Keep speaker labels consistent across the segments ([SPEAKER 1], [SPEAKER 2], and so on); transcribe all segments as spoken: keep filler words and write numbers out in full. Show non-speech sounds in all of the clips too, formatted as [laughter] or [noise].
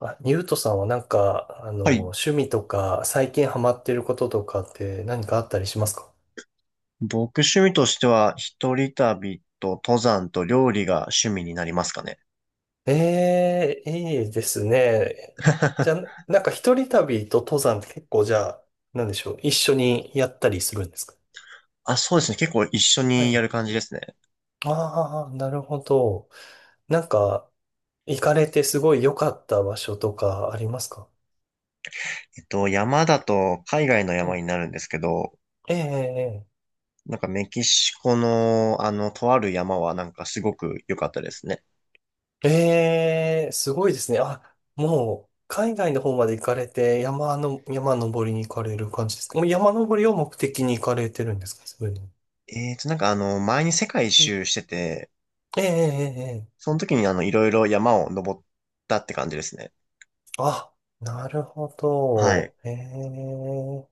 [SPEAKER 1] あ、ニュートさんはなんか、あ
[SPEAKER 2] は
[SPEAKER 1] の、
[SPEAKER 2] い。
[SPEAKER 1] 趣味とか、最近ハマってることとかって何かあったりしますか？
[SPEAKER 2] 僕趣味としては、一人旅と登山と料理が趣味になりますかね。
[SPEAKER 1] ええー、いいですね。じゃ
[SPEAKER 2] [laughs]
[SPEAKER 1] あ、なんか一人旅と登山って結構じゃあ、なんでしょう、一緒にやったりするんですか？
[SPEAKER 2] あ、そうですね。結構一緒
[SPEAKER 1] は
[SPEAKER 2] にや
[SPEAKER 1] い。
[SPEAKER 2] る感じですね。
[SPEAKER 1] ああ、なるほど。なんか、行かれてすごい良かった場所とかありますか？
[SPEAKER 2] えっと、山だと海外の
[SPEAKER 1] う
[SPEAKER 2] 山
[SPEAKER 1] ん。
[SPEAKER 2] になるんですけど、
[SPEAKER 1] ええええ
[SPEAKER 2] なんかメキシコのあの、とある山はなんかすごく良かったですね。
[SPEAKER 1] ええ、すごいですね。あ、もう、海外の方まで行かれて、山の、山登りに行かれる感じですか？もう山登りを目的に行かれてるんですか？そういうの。
[SPEAKER 2] えっと、なんかあの、前に世界一
[SPEAKER 1] え
[SPEAKER 2] 周してて、
[SPEAKER 1] ええ、ええ、ええ
[SPEAKER 2] その時にあの、いろいろ山を登ったって感じですね。
[SPEAKER 1] あ、なるほ
[SPEAKER 2] は
[SPEAKER 1] ど。
[SPEAKER 2] い。
[SPEAKER 1] ええ。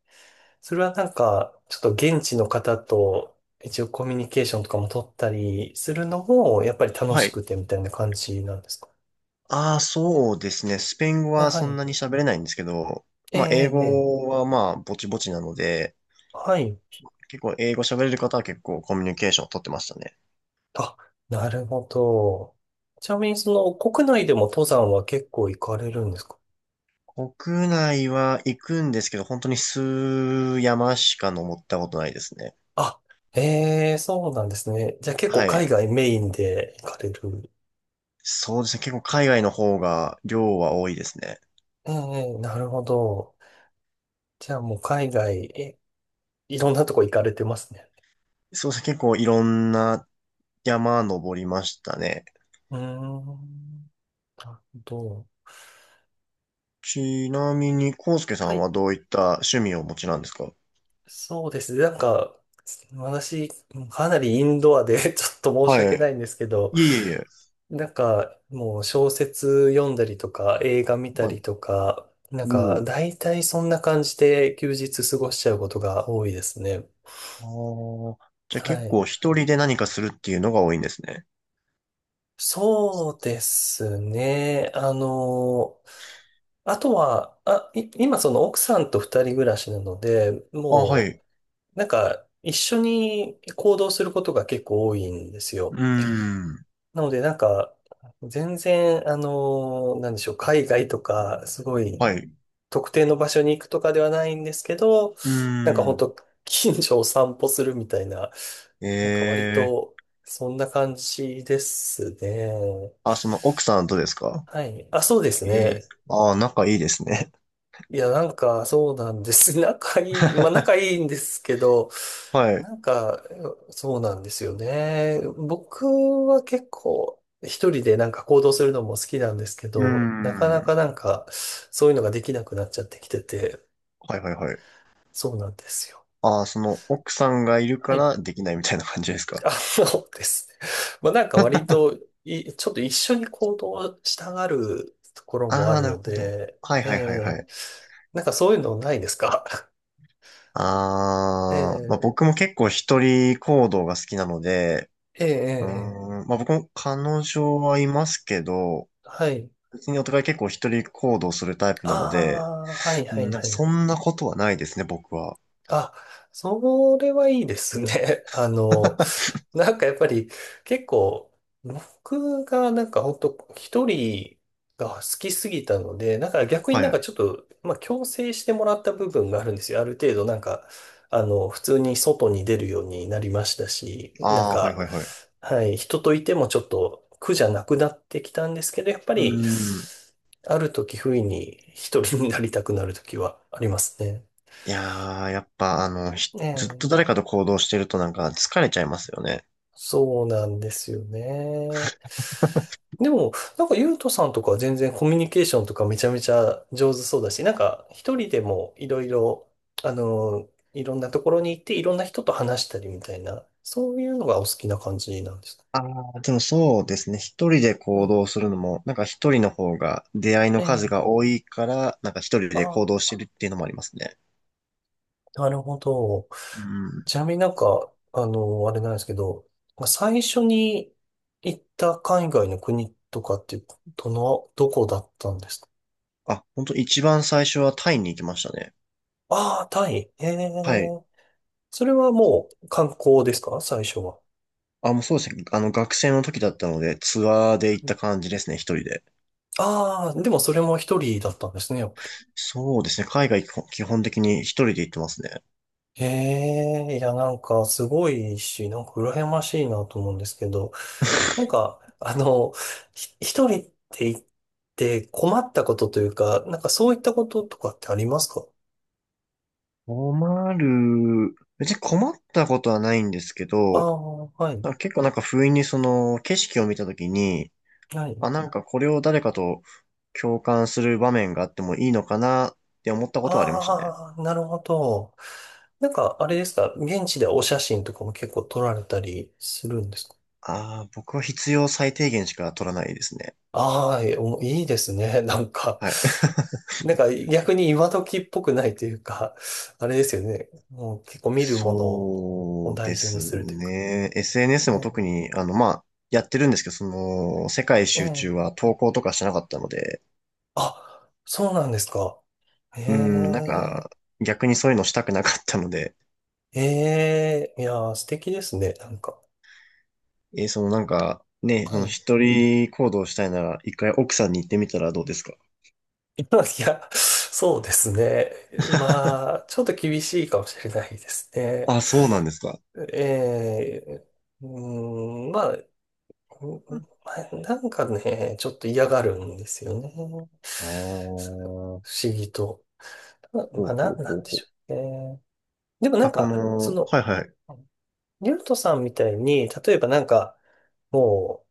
[SPEAKER 1] それはなんか、ちょっと現地の方と一応コミュニケーションとかも取ったりするのも、やっぱり楽
[SPEAKER 2] は
[SPEAKER 1] し
[SPEAKER 2] い。
[SPEAKER 1] くてみたいな感じなんですか？
[SPEAKER 2] ああ、そうですね。スペイン語
[SPEAKER 1] あ
[SPEAKER 2] は
[SPEAKER 1] は
[SPEAKER 2] そん
[SPEAKER 1] い。
[SPEAKER 2] なに喋れないんですけど、
[SPEAKER 1] ええ、
[SPEAKER 2] まあ、英
[SPEAKER 1] ええ、ええ
[SPEAKER 2] 語はまあ、ぼちぼちなので、
[SPEAKER 1] はい。
[SPEAKER 2] 結構英語喋れる方は結構コミュニケーションを取ってましたね。
[SPEAKER 1] あ、なるほど。ちなみに、その、国内でも登山は結構行かれるんですか？
[SPEAKER 2] 国内は行くんですけど、本当に数山しか登ったことないですね。
[SPEAKER 1] あ、ええ、そうなんですね。じゃあ結構
[SPEAKER 2] はい。
[SPEAKER 1] 海外メインで行かれる。
[SPEAKER 2] そうですね。結構海外の方が量は多いですね。
[SPEAKER 1] ええ、なるほど。じゃあもう海外、え、いろんなとこ行かれてますね。
[SPEAKER 2] そうですね。結構いろんな山登りましたね。
[SPEAKER 1] うーん、なるほど。
[SPEAKER 2] ちなみに、康介さ
[SPEAKER 1] は
[SPEAKER 2] ん
[SPEAKER 1] い、
[SPEAKER 2] はどういった趣味をお持ちなんですか？
[SPEAKER 1] そうですね。なんか、私、かなりインドアで [laughs] ちょっと申し
[SPEAKER 2] は
[SPEAKER 1] 訳
[SPEAKER 2] い。
[SPEAKER 1] ないんですけど、
[SPEAKER 2] いえいえいえ。
[SPEAKER 1] なんか、もう小説読んだりとか、映画見た
[SPEAKER 2] は
[SPEAKER 1] り
[SPEAKER 2] い。
[SPEAKER 1] とか、なん
[SPEAKER 2] お
[SPEAKER 1] か、
[SPEAKER 2] お。
[SPEAKER 1] 大体そんな感じで休日過ごしちゃうことが多いですね。
[SPEAKER 2] ああ、じゃあ
[SPEAKER 1] は
[SPEAKER 2] 結構
[SPEAKER 1] い。
[SPEAKER 2] 一人で何かするっていうのが多いんですね。
[SPEAKER 1] そうですね。あの、あとは、あ、い今その奥さんと二人暮らしなので、
[SPEAKER 2] あ、は
[SPEAKER 1] も
[SPEAKER 2] い。
[SPEAKER 1] う、なんか、一緒に行動することが結構多いんです
[SPEAKER 2] う
[SPEAKER 1] よ。
[SPEAKER 2] ーん。
[SPEAKER 1] なので、なんか、全然、あの、なんでしょう、海外とか、すごい、
[SPEAKER 2] はい。
[SPEAKER 1] 特定の場所に行くとかではないんですけど、
[SPEAKER 2] うー
[SPEAKER 1] なんか本
[SPEAKER 2] ん。
[SPEAKER 1] 当 [laughs] 近所を散歩するみたいな、
[SPEAKER 2] え
[SPEAKER 1] なんか割
[SPEAKER 2] え。
[SPEAKER 1] と、そんな感じですね。
[SPEAKER 2] あ、その奥さんとですか？
[SPEAKER 1] はい。あ、そうです
[SPEAKER 2] ええ。
[SPEAKER 1] ね。
[SPEAKER 2] ああ、仲いいですね。
[SPEAKER 1] いや、なんか、そうなんです。[laughs] 仲いい、まあ仲
[SPEAKER 2] [laughs]
[SPEAKER 1] いいんですけど、
[SPEAKER 2] はい。う
[SPEAKER 1] なんか、そうなんですよね。僕は結構一人でなんか行動するのも好きなんですけ
[SPEAKER 2] ー
[SPEAKER 1] ど、なかな
[SPEAKER 2] ん。
[SPEAKER 1] かなんかそういうのができなくなっちゃってきてて、
[SPEAKER 2] はいはいはい。
[SPEAKER 1] そうなんですよ。
[SPEAKER 2] ああ、その奥さんがいる
[SPEAKER 1] は
[SPEAKER 2] か
[SPEAKER 1] い。
[SPEAKER 2] らできないみたいな感じです
[SPEAKER 1] [laughs]
[SPEAKER 2] か？
[SPEAKER 1] あそうですね。まあなんか割とい、ちょっと一緒に行動したがるところもあ
[SPEAKER 2] ああ、
[SPEAKER 1] る
[SPEAKER 2] なる
[SPEAKER 1] の
[SPEAKER 2] ほど。
[SPEAKER 1] で、
[SPEAKER 2] はい
[SPEAKER 1] え
[SPEAKER 2] はいはいは
[SPEAKER 1] え
[SPEAKER 2] い。
[SPEAKER 1] なんかそういうのないですか？
[SPEAKER 2] ああ、まあ
[SPEAKER 1] [laughs]
[SPEAKER 2] 僕
[SPEAKER 1] ええ
[SPEAKER 2] も結構一人行動が好きなので、
[SPEAKER 1] えええ
[SPEAKER 2] うー
[SPEAKER 1] えええ
[SPEAKER 2] ん、まあ僕も彼女はいますけど、
[SPEAKER 1] はい。
[SPEAKER 2] 別にお互い結構一人行動するタイプなので、
[SPEAKER 1] ああ、はいは
[SPEAKER 2] うん、
[SPEAKER 1] い
[SPEAKER 2] なんか
[SPEAKER 1] はい。
[SPEAKER 2] そんなことはないですね、僕は。
[SPEAKER 1] あ、それはいいですね。[laughs] あの、
[SPEAKER 2] [laughs]
[SPEAKER 1] なんかやっぱり結構、僕がなんか本当一人が好きすぎたので、なんか逆に
[SPEAKER 2] は
[SPEAKER 1] な
[SPEAKER 2] い
[SPEAKER 1] ん
[SPEAKER 2] は
[SPEAKER 1] か
[SPEAKER 2] い。
[SPEAKER 1] ちょっと、まあ強制してもらった部分があるんですよ。ある程度なんか、あの、普通に外に出るようになりましたし、なん
[SPEAKER 2] ああ、はい
[SPEAKER 1] か、
[SPEAKER 2] はいはい。
[SPEAKER 1] はい、人といてもちょっと苦じゃなくなってきたんですけど、やっぱ
[SPEAKER 2] う
[SPEAKER 1] り、
[SPEAKER 2] ん。
[SPEAKER 1] ある時不意に一人になりたくなる時はありますね。
[SPEAKER 2] いやー、やっぱあの、ひずっ
[SPEAKER 1] え
[SPEAKER 2] と
[SPEAKER 1] え
[SPEAKER 2] 誰かと行動してるとなんか疲れちゃいますよね。
[SPEAKER 1] そうなんですよね。でも、なんか、ゆうとさんとかは全然コミュニケーションとかめちゃめちゃ上手そうだし、なんか、一人でもいろいろ、あの、いろんなところに行って、いろんな人と話したりみたいな、そういうのがお好きな感じなんですか？
[SPEAKER 2] ああ、でもそうですね。一人で
[SPEAKER 1] う
[SPEAKER 2] 行
[SPEAKER 1] ん。
[SPEAKER 2] 動するのも、なんか一人の方が出会いの
[SPEAKER 1] え
[SPEAKER 2] 数
[SPEAKER 1] え。
[SPEAKER 2] が多いから、なんか一人
[SPEAKER 1] あ
[SPEAKER 2] で行
[SPEAKER 1] あ、
[SPEAKER 2] 動してるっていうのもありますね。
[SPEAKER 1] なるほど。
[SPEAKER 2] うん。
[SPEAKER 1] ちなみになんか、あの、あれなんですけど、まあ最初に行った海外の国とかって、どの、どこだったんですか？
[SPEAKER 2] あ、本当一番最初はタイに行きましたね。
[SPEAKER 1] ああ、タイ。え
[SPEAKER 2] はい。
[SPEAKER 1] え。それはもう観光ですか？最初は。
[SPEAKER 2] あ、もうそうですね。あの、学生の時だったので、ツアーで行った感じですね、一人で。
[SPEAKER 1] ああー、でもそれも一人だったんですね、やっぱり。
[SPEAKER 2] そうですね。海外基本基本的に一人で行ってますね。
[SPEAKER 1] ええ、いや、なんか、すごいし、なんか、羨ましいなと思うんですけど、なんか、あの、ひ一人って言って困ったことというか、なんか、そういったこととかってありますか？
[SPEAKER 2] 困る。別に困ったことはないんですけ
[SPEAKER 1] ああ
[SPEAKER 2] ど、
[SPEAKER 1] ー、はい、
[SPEAKER 2] なんか結構なんか不意にその景色を見た時に、
[SPEAKER 1] はい。
[SPEAKER 2] あ、なんかこれを誰かと共感する場面があってもいいのかなって思ったことはありましたね。
[SPEAKER 1] ああ、なるほど。なんか、あれですか、現地でお写真とかも結構撮られたりするんですか？
[SPEAKER 2] ああ、僕は必要最低限しか取らないですね。
[SPEAKER 1] ああ、えおいいですね。[laughs] なんか、
[SPEAKER 2] はい。[laughs]
[SPEAKER 1] なんか逆に今時っぽくないというか、[laughs] あれですよね。もう結構見るものを
[SPEAKER 2] そう
[SPEAKER 1] 大
[SPEAKER 2] で
[SPEAKER 1] 事に
[SPEAKER 2] す
[SPEAKER 1] するというか。
[SPEAKER 2] ね。エスエヌエス も
[SPEAKER 1] え
[SPEAKER 2] 特に、あの、まあ、やってるんですけど、その、世界一
[SPEAKER 1] え
[SPEAKER 2] 周中
[SPEAKER 1] え。
[SPEAKER 2] は投稿とかしてなかったので、
[SPEAKER 1] あ、そうなんですか。え
[SPEAKER 2] うん、なん
[SPEAKER 1] え、
[SPEAKER 2] か、逆にそういうのしたくなかったので、
[SPEAKER 1] ええ、いやー、素敵ですね。なんか。
[SPEAKER 2] えーそのなんか、ね、
[SPEAKER 1] は
[SPEAKER 2] その
[SPEAKER 1] い。[laughs]
[SPEAKER 2] 一人行動したいなら、一回奥さんに行ってみたらどうですか？
[SPEAKER 1] いや、そうですね。まあ、ちょっと厳しいかもしれないですね。
[SPEAKER 2] あ、そうなんですか。
[SPEAKER 1] ええ、うーん、まあ、うんうんなんかね、ちょっと嫌がるんですよね。
[SPEAKER 2] ああ、
[SPEAKER 1] そう
[SPEAKER 2] ほ
[SPEAKER 1] 不思議と。ま
[SPEAKER 2] うほ
[SPEAKER 1] まあ、な
[SPEAKER 2] う
[SPEAKER 1] んな
[SPEAKER 2] ほう
[SPEAKER 1] んで
[SPEAKER 2] ほ
[SPEAKER 1] しょ
[SPEAKER 2] う。
[SPEAKER 1] うね。でもな
[SPEAKER 2] あ、
[SPEAKER 1] ん
[SPEAKER 2] こ
[SPEAKER 1] か、そ
[SPEAKER 2] の、
[SPEAKER 1] の、
[SPEAKER 2] はいはい、
[SPEAKER 1] リュウトさんみたいに、例えばなんか、もう、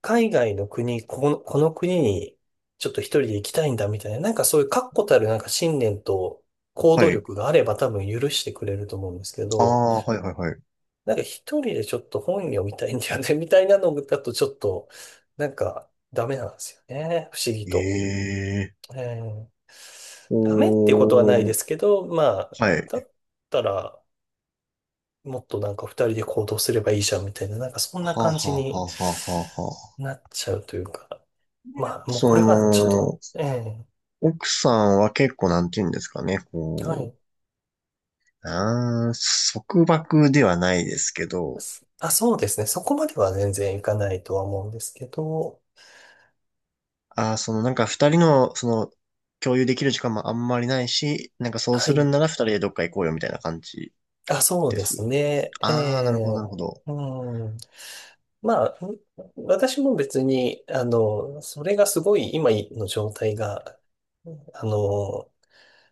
[SPEAKER 1] 海外の国、ここの、この国に、ちょっと一人で行きたいんだみたいな、なんかそういう確固たるなんか信念と行動
[SPEAKER 2] はい。
[SPEAKER 1] 力があれば多分許してくれると思うんですけ
[SPEAKER 2] あ
[SPEAKER 1] ど、
[SPEAKER 2] あ、はいはいはい。
[SPEAKER 1] なんか一人でちょっと本読みたいんだよね、[laughs] みたいなのだとちょっと、なんかダメなんですよね。不思議と。
[SPEAKER 2] ええ、
[SPEAKER 1] えーダメっていうことはないで
[SPEAKER 2] おー、
[SPEAKER 1] すけど、まあ、
[SPEAKER 2] はい。
[SPEAKER 1] だったら、もっとなんか二人で行動すればいいじゃんみたいな、なんかそんな
[SPEAKER 2] はあは
[SPEAKER 1] 感じ
[SPEAKER 2] あは
[SPEAKER 1] に
[SPEAKER 2] あはあはあはあ。
[SPEAKER 1] なっちゃうというか、
[SPEAKER 2] で
[SPEAKER 1] まあ、もう
[SPEAKER 2] そ
[SPEAKER 1] これはちょっと、
[SPEAKER 2] の、
[SPEAKER 1] ええ
[SPEAKER 2] 奥さんは結構なんて言うんですかね、
[SPEAKER 1] は
[SPEAKER 2] こ
[SPEAKER 1] い。
[SPEAKER 2] う、あー束縛ではないですけど、
[SPEAKER 1] すあ、そうですね。そこまでは全然いかないとは思うんですけど、
[SPEAKER 2] あーそのなんか二人の、その、共有できる時間もあんまりないし、なんかそう
[SPEAKER 1] は
[SPEAKER 2] する
[SPEAKER 1] い。
[SPEAKER 2] んなら二人でどっか行こうよみたいな感じ
[SPEAKER 1] あ、そう
[SPEAKER 2] で
[SPEAKER 1] です
[SPEAKER 2] す。
[SPEAKER 1] ね。え
[SPEAKER 2] ああ、なるほど、なる
[SPEAKER 1] え
[SPEAKER 2] ほど。
[SPEAKER 1] うんまあ、私も別に、あの、それがすごい今の状態が、あの、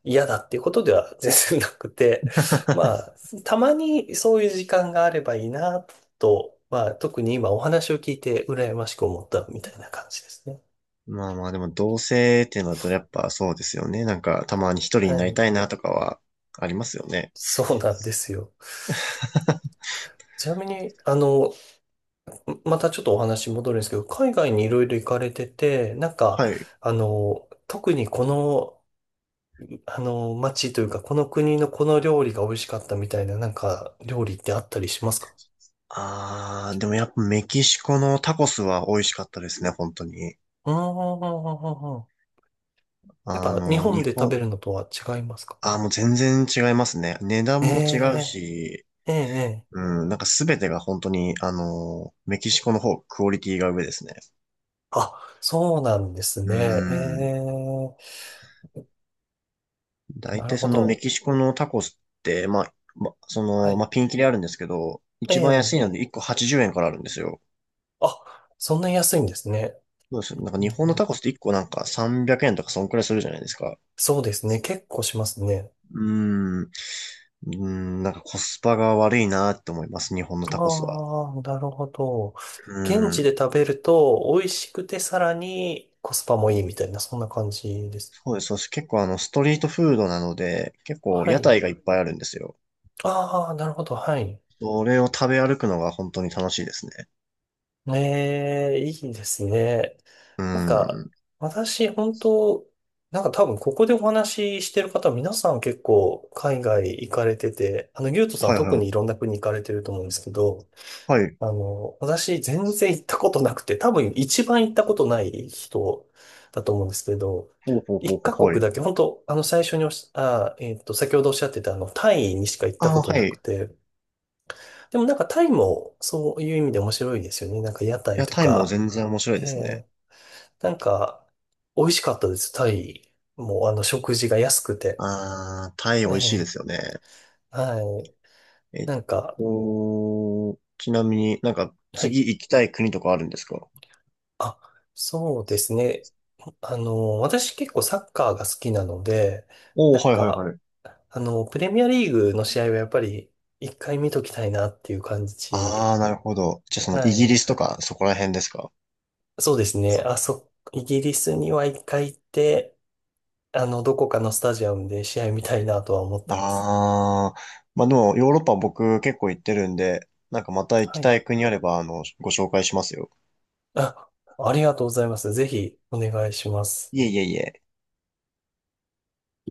[SPEAKER 1] 嫌だっていうことでは全然なくて、ま
[SPEAKER 2] [laughs]
[SPEAKER 1] あ、たまにそういう時間があればいいなと、まあ、特に今お話を聞いて羨ましく思ったみたいな感じですね。
[SPEAKER 2] まあまあ、でも同性っていうのだとやっぱそうですよね。なんかたまに一人
[SPEAKER 1] は
[SPEAKER 2] になり
[SPEAKER 1] い。
[SPEAKER 2] たいなとかはありますよね。
[SPEAKER 1] そうなんですよ。
[SPEAKER 2] [laughs]
[SPEAKER 1] ちなみに、あの、またちょっとお話戻るんですけど、海外にいろいろ行かれてて、なんか、
[SPEAKER 2] はい。
[SPEAKER 1] あの、特にこのあの、街というか、この国のこの料理が美味しかったみたいな、なんか、料理ってあったりしますか？
[SPEAKER 2] ああ、でもやっぱメキシコのタコスは美味しかったですね、本当に。
[SPEAKER 1] うーん。やっ
[SPEAKER 2] あ
[SPEAKER 1] ぱ、日
[SPEAKER 2] の、
[SPEAKER 1] 本で
[SPEAKER 2] 日
[SPEAKER 1] 食べ
[SPEAKER 2] 本、
[SPEAKER 1] るのとは違いますか？
[SPEAKER 2] あーもう全然違いますね。値段
[SPEAKER 1] え
[SPEAKER 2] も違う
[SPEAKER 1] え
[SPEAKER 2] し、
[SPEAKER 1] えええ
[SPEAKER 2] う
[SPEAKER 1] え
[SPEAKER 2] ん、なんかすべてが本当に、あの、メキシコの方、クオリティが上ですね。
[SPEAKER 1] あ、そうなんです
[SPEAKER 2] う
[SPEAKER 1] ね。
[SPEAKER 2] ん。
[SPEAKER 1] ええ
[SPEAKER 2] 大
[SPEAKER 1] なる
[SPEAKER 2] 体
[SPEAKER 1] ほ
[SPEAKER 2] そのメ
[SPEAKER 1] ど。
[SPEAKER 2] キシコのタコスって、まあ、ま、そ
[SPEAKER 1] は
[SPEAKER 2] の、
[SPEAKER 1] い。
[SPEAKER 2] まあ、ピンキリあるんですけど、
[SPEAKER 1] え
[SPEAKER 2] 一番安
[SPEAKER 1] え
[SPEAKER 2] いのでいっこはちじゅうえんからあるんですよ。
[SPEAKER 1] あ、そんな安いんですね。
[SPEAKER 2] そうです
[SPEAKER 1] う
[SPEAKER 2] よ。
[SPEAKER 1] ん
[SPEAKER 2] なんか
[SPEAKER 1] う
[SPEAKER 2] 日
[SPEAKER 1] ん
[SPEAKER 2] 本
[SPEAKER 1] う
[SPEAKER 2] のタ
[SPEAKER 1] ん
[SPEAKER 2] コスっていっこなんかさんびゃくえんとかそんくらいするじゃないですか。
[SPEAKER 1] そうですね。結構しますね。
[SPEAKER 2] うーん。うーん、なんかコスパが悪いなって思います、日本のタコスは。
[SPEAKER 1] ああ、なるほど。現
[SPEAKER 2] う
[SPEAKER 1] 地
[SPEAKER 2] ん。
[SPEAKER 1] で食べると美味しくてさらにコスパもいいみたいな、そんな感じです。
[SPEAKER 2] そうです。そして結構あの、ストリートフードなので、結構
[SPEAKER 1] は
[SPEAKER 2] 屋
[SPEAKER 1] い。
[SPEAKER 2] 台がいっぱいあるんですよ。
[SPEAKER 1] ああ、なるほど。はい。
[SPEAKER 2] それを食べ歩くのが本当に楽しいですね。
[SPEAKER 1] ええ、いいですね。
[SPEAKER 2] う
[SPEAKER 1] なんか、
[SPEAKER 2] ん。
[SPEAKER 1] 私、本当なんか多分ここでお話ししてる方、皆さん結構海外行かれてて、あの、ゆうとさんは
[SPEAKER 2] はいはい
[SPEAKER 1] 特
[SPEAKER 2] は
[SPEAKER 1] にい
[SPEAKER 2] い。
[SPEAKER 1] ろんな国行かれてると思うんですけど、
[SPEAKER 2] はい。
[SPEAKER 1] あの、私全然行ったことなくて、多分一番行ったことない人だと思うんですけど、
[SPEAKER 2] ほうほうほう
[SPEAKER 1] 一カ
[SPEAKER 2] ほう、は
[SPEAKER 1] 国
[SPEAKER 2] い。
[SPEAKER 1] だけ、本当あの最初におっしゃ、あ、えっと、先ほどおっしゃってたあの、タイにしか行った
[SPEAKER 2] あ
[SPEAKER 1] こ
[SPEAKER 2] あ、
[SPEAKER 1] と
[SPEAKER 2] は
[SPEAKER 1] なく
[SPEAKER 2] い。
[SPEAKER 1] て、でもなんかタイもそういう意味で面白いですよね。なんか屋
[SPEAKER 2] い
[SPEAKER 1] 台
[SPEAKER 2] や、
[SPEAKER 1] と
[SPEAKER 2] タイも
[SPEAKER 1] か、
[SPEAKER 2] 全然面白
[SPEAKER 1] え
[SPEAKER 2] いです
[SPEAKER 1] ー、
[SPEAKER 2] ね。
[SPEAKER 1] なんか美味しかったです。タイもあの食事が安くて。
[SPEAKER 2] ああ、タイ美味しいで
[SPEAKER 1] え
[SPEAKER 2] すよね。
[SPEAKER 1] ー、はい。
[SPEAKER 2] えっ
[SPEAKER 1] なんか、
[SPEAKER 2] と、ちなみになんか
[SPEAKER 1] はい。
[SPEAKER 2] 次行きたい国とかあるんですか？
[SPEAKER 1] あ、そうですね。あの、私結構サッカーが好きなので、
[SPEAKER 2] おお
[SPEAKER 1] な
[SPEAKER 2] ー、
[SPEAKER 1] ん
[SPEAKER 2] はいはい
[SPEAKER 1] か、
[SPEAKER 2] はい。
[SPEAKER 1] あの、プレミアリーグの試合はやっぱり一回見ときたいなっていう感
[SPEAKER 2] あ
[SPEAKER 1] じ。
[SPEAKER 2] あ、なるほど。じゃあそのイ
[SPEAKER 1] は
[SPEAKER 2] ギリ
[SPEAKER 1] い。
[SPEAKER 2] スとかそこら辺ですか？
[SPEAKER 1] そうですね。あ、そ、イギリスには一回行って、あの、どこかのスタジアムで試合見たいなとは思ってます。
[SPEAKER 2] ああー、まあでもヨーロッパ僕結構行ってるんで、なんかまた行
[SPEAKER 1] は
[SPEAKER 2] き
[SPEAKER 1] い。
[SPEAKER 2] たい国あれば、あの、ご紹介しますよ。
[SPEAKER 1] あ、ありがとうございます。ぜひお願いします。
[SPEAKER 2] いえいえいえ。